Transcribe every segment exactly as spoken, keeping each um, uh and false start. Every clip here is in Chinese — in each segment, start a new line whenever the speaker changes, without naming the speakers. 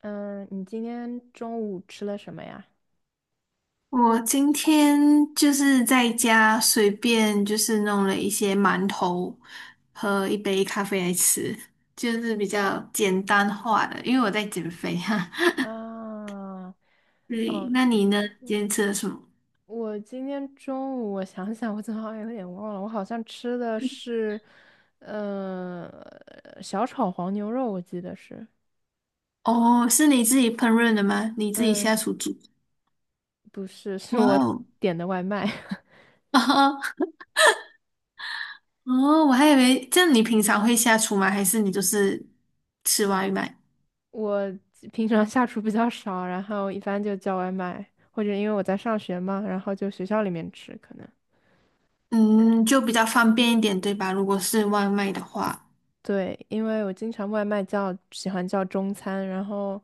嗯，你今天中午吃了什么呀？
我今天就是在家随便就是弄了一些馒头和一杯咖啡来吃，就是比较简单化的，因为我在减肥哈。
啊，
对，
哦，
那你呢？今天吃了什么？
我今天中午我想想，我怎么好像有点忘了，我好像吃的是，呃，小炒黄牛肉，我记得是，
哦，是你自己烹饪的吗？你自己
嗯，
下厨煮？
不是，是
哇
我
哦，
点的外卖。
哦，哦我还以为这样你平常会下厨吗？还是你就是吃外卖？
我平常下厨比较少，然后一般就叫外卖，或者因为我在上学嘛，然后就学校里面吃可能。
嗯，就比较方便一点，对吧？如果是外卖的话。
对，因为我经常外卖叫，喜欢叫中餐，然后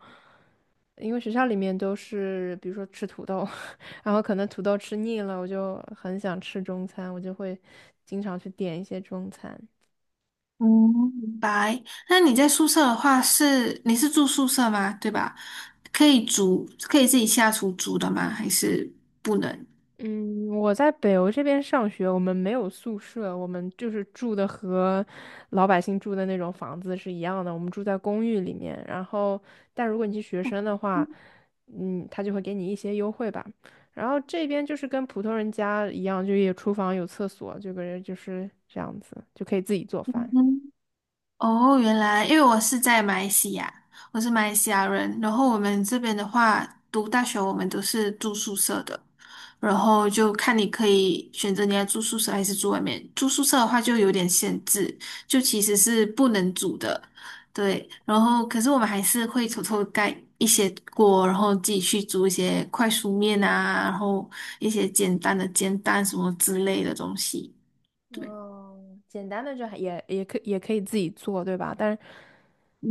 因为学校里面都是，比如说吃土豆，然后可能土豆吃腻了，我就很想吃中餐，我就会经常去点一些中餐。
嗯，明白。那你在宿舍的话是，你是住宿舍吗？对吧？可以煮，可以自己下厨煮的吗？还是不能？
嗯，我在北欧这边上学，我们没有宿舍，我们就是住的和老百姓住的那种房子是一样的，我们住在公寓里面。然后，但如果你是学生的话，嗯，他就会给你一些优惠吧。然后这边就是跟普通人家一样，就有厨房有厕所，这个人就是这样子，就可以自己做饭。
嗯，哦，原来，因为我是在马来西亚，我是马来西亚人，然后我们这边的话，读大学我们都是住宿舍的，然后就看你可以选择你要住宿舍还是住外面。住宿舍的话就有点限制，就其实是不能煮的。对。然后可是我们还是会偷偷盖一些锅，然后自己去煮一些快熟面啊，然后一些简单的煎蛋什么之类的东西。对。
哦，简单的就还也也可也可以自己做，对吧？但是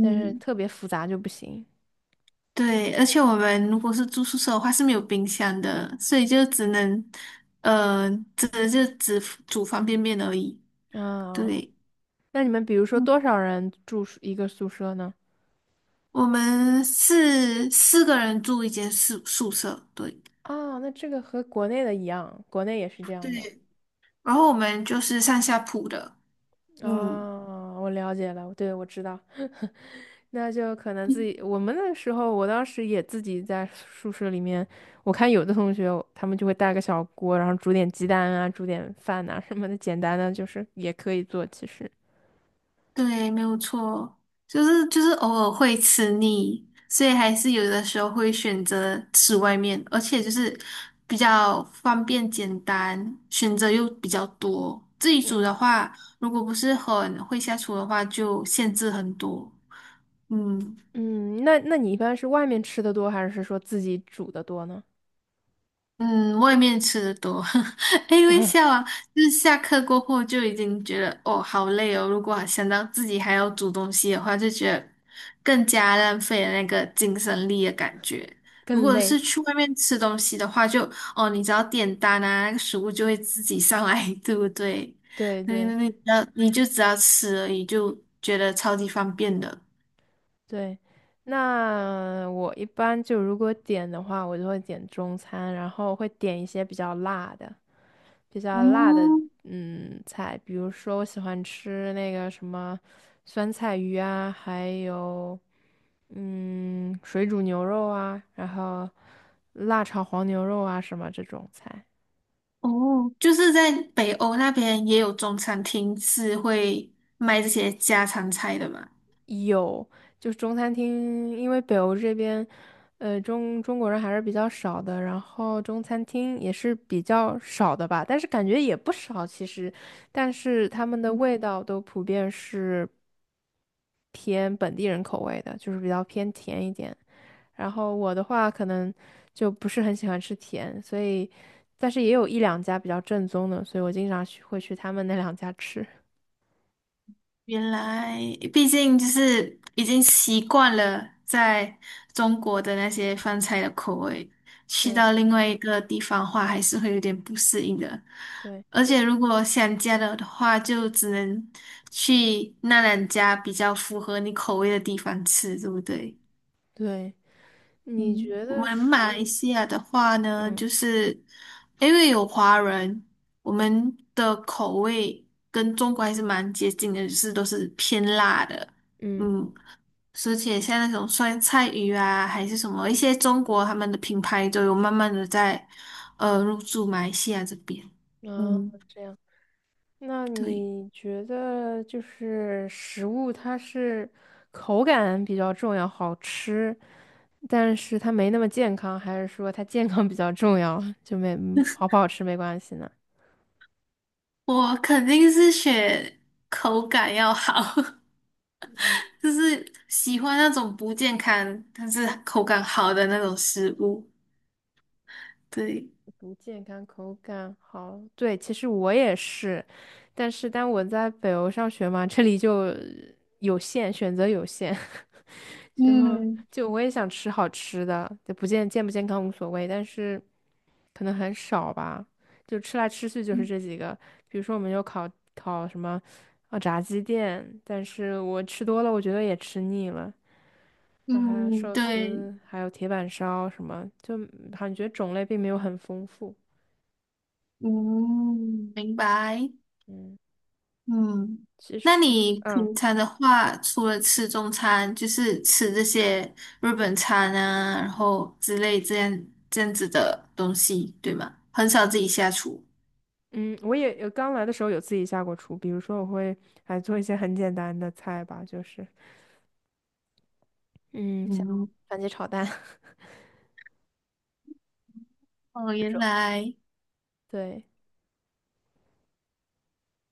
但是特别复杂就不行。
对，而且我们如果是住宿舍的话是没有冰箱的，所以就只能，呃，只能就只煮方便面而已。
啊，
对，
那你们比如说多
嗯，
少人住宿一个宿舍呢？
我们是四个人住一间宿宿舍，对
啊，那这个和国内的一样，国内也是这
对。
样的。
然后我们就是上下铺的。嗯。
啊，我了解了，对，我知道。那就可能自己，我们那时候，我当时也自己在宿舍里面，我看有的同学他们就会带个小锅，然后煮点鸡蛋啊，煮点饭呐、什么的，简单的就是也可以做，其实。
对，没有错，就是就是偶尔会吃腻，所以还是有的时候会选择吃外面，而且就是比较方便简单，选择又比较多。自己煮
嗯。
的话，如果不是很会下厨的话，就限制很多。嗯。
嗯，那那你一般是外面吃的多，还是说自己煮的多呢？
嗯，外面吃的多，哎，微笑啊，就是下课过后就已经觉得哦好累哦，如果还想到自己还要煮东西的话，就觉得更加浪费了那个精神力的感觉。
更
如果是
累。
去外面吃东西的话就，哦，你只要点单啊，那个食物就会自己上来，对不对？
对
那
对
那那你只要你就只要吃而已，就觉得超级方便的。
对，那我一般就如果点的话，我就会点中餐，然后会点一些比较辣的、比较辣的
嗯。
嗯菜，比如说我喜欢吃那个什么酸菜鱼啊，还有嗯水煮牛肉啊，然后辣炒黄牛肉啊什么这种菜。
哦，就是在北欧那边也有中餐厅是会卖这些家常菜的嘛。
有，就是中餐厅，因为北欧这边，呃，中中国人还是比较少的，然后中餐厅也是比较少的吧，但是感觉也不少其实，但是他们的味道都普遍是偏本地人口味的，就是比较偏甜一点。然后我的话可能就不是很喜欢吃甜，所以，但是也有一两家比较正宗的，所以我经常去会去他们那两家吃。
原来，毕竟就是已经习惯了在中国的那些饭菜的口味，去
对
到另外一个地方的话，还是会有点不适应的。
对
而且如果想家的话，就只能去那两家比较符合你口味的地方吃，对不对？
对，你
嗯，
觉
我
得
们马来
说？
西亚的话呢，
嗯。
就是因为有华人，我们的口味跟中国还是蛮接近的，就是都是偏辣的。
嗯。
嗯，而且像那种酸菜鱼啊，还是什么一些中国他们的品牌都有慢慢的在呃入驻马来西亚这边。
啊，
嗯，
这样，那
对，
你觉得就是食物它是口感比较重要，好吃，但是它没那么健康，还是说它健康比较重要，就没，嗯好不好吃没关系呢？
我肯定是选口感要好。就是喜欢那种不健康但是口感好的那种食物。对。
不健康，口感好。对，其实我也是，但是但我在北欧上学嘛，这里就有限，选择有限，就
嗯
就我也想吃好吃的，就不健健不健康无所谓，但是可能很少吧，就吃来吃去就是这几个，比如说我们有烤烤什么啊炸鸡店，但是我吃多了，我觉得也吃腻了。然后还有
嗯。
寿
对。
司，还有铁板烧什么，就感觉种类并没有很丰富。
嗯，明白。
嗯，
嗯，
其
那
实，
你
嗯
平常的话，除了吃中餐，就是吃这些日本餐啊，然后之类这样这样子的东西，对吗？很少自己下厨。
嗯，我也有刚来的时候有自己下过厨，比如说我会还做一些很简单的菜吧，就是嗯，像
嗯，
番茄炒蛋
哦，
这
原
种，
来。
对，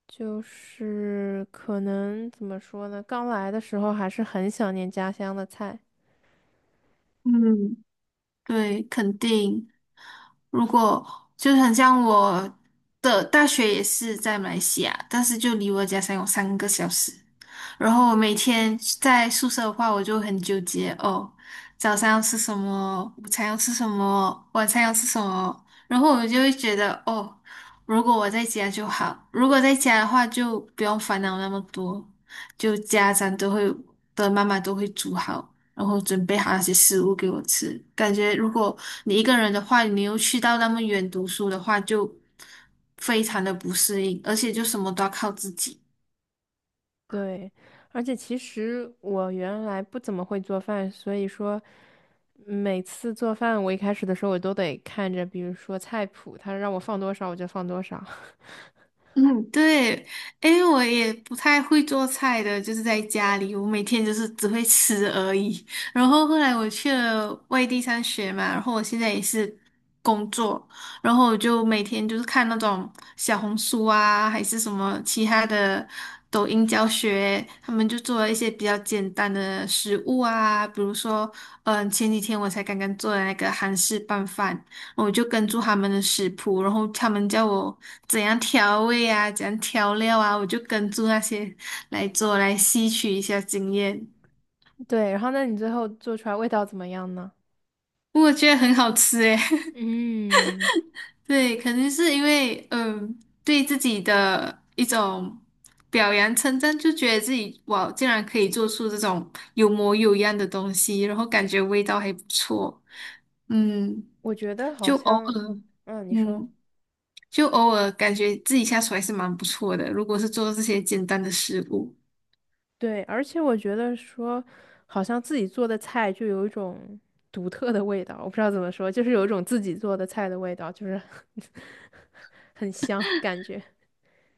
就是可能怎么说呢？刚来的时候还是很想念家乡的菜，
嗯，对，肯定。如果就很像我的大学也是在马来西亚，但是就离我的家乡有三个小时。然后我每天在宿舍的话，我就很纠结哦，早上要吃什么，午餐要吃什么，晚餐要吃什么。然后我就会觉得哦，如果我在家就好，如果在家的话就不用烦恼那么多，就家长都会的妈妈都会煮好，然后准备好那些食物给我吃。感觉如果你一个人的话，你又去到那么远读书的话，就非常的不适应，而且就什么都要靠自己。
对，而且其实我原来不怎么会做饭，所以说每次做饭，我一开始的时候我都得看着，比如说菜谱，他让我放多少我就放多少。
嗯，对，诶，我也不太会做菜的，就是在家里，我每天就是只会吃而已。然后后来我去了外地上学嘛，然后我现在也是工作，然后我就每天就是看那种小红书啊，还是什么其他的抖音教学，他们就做了一些比较简单的食物啊，比如说，嗯，前几天我才刚刚做的那个韩式拌饭。我就跟住他们的食谱，然后他们叫我怎样调味啊，怎样调料啊，我就跟住那些来做，来吸取一下经验。
对，然后那你最后做出来味道怎么样呢？
我觉得很好吃诶。
嗯，
对，肯定是因为嗯，对自己的一种表扬称赞，就觉得自己哇，竟然可以做出这种有模有样的东西，然后感觉味道还不错。嗯，
我觉得好
就偶
像，
尔。
嗯，你说
嗯。就偶尔感觉自己下厨还是蛮不错的。如果是做这些简单的食物，
对，而且我觉得说，好像自己做的菜就有一种独特的味道，我不知道怎么说，就是有一种自己做的菜的味道，就是 很香感觉。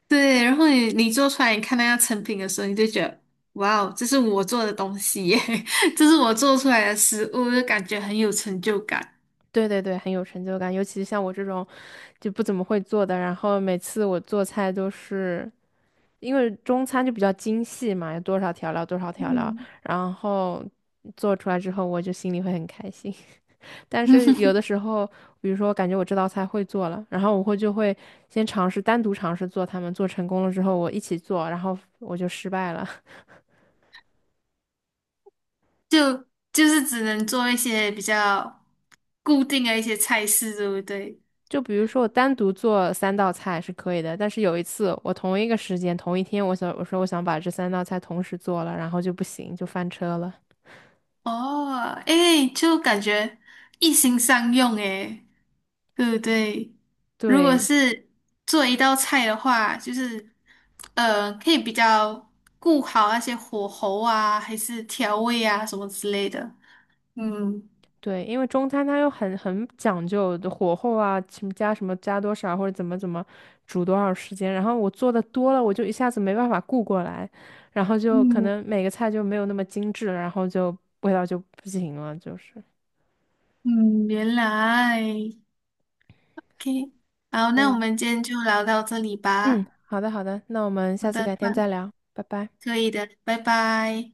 对。然后你你做出来，你看那样成品的时候，你就觉得哇哦，这是我做的东西耶，这是我做出来的食物，就感觉很有成就感。
对对对，很有成就感，尤其像我这种就不怎么会做的，然后每次我做菜都是。因为中餐就比较精细嘛，有多少调料多少调料，
嗯。
然后做出来之后，我就心里会很开心。但是有 的时候，比如说我感觉我这道菜会做了，然后我会就会先尝试单独尝试做它们，做成功了之后我一起做，然后我就失败了。
就就是只能做一些比较固定的一些菜式，对不对？
就比如说我单独做三道菜是可以的，但是有一次我同一个时间同一天，我想我说我想把这三道菜同时做了，然后就不行，就翻车了。
哦，诶，就感觉一心上用诶。对不对？如果
对，
是做一道菜的话，就是呃，可以比较顾好那些火候啊，还是调味啊什么之类的。嗯。
对，因为中餐它又很很讲究的火候啊，什么加什么加多少或者怎么怎么煮多少时间，然后我做的多了，我就一下子没办法顾过来，然后就可
嗯。
能每个菜就没有那么精致了然后就味道就不行了，就是。
嗯，原来，OK，好，
所
那我
以，
们今天就聊到这里
嗯，
吧。
好的好的，那我们
好
下次
的，
改
吧
天再聊，拜拜。
可以的，拜拜。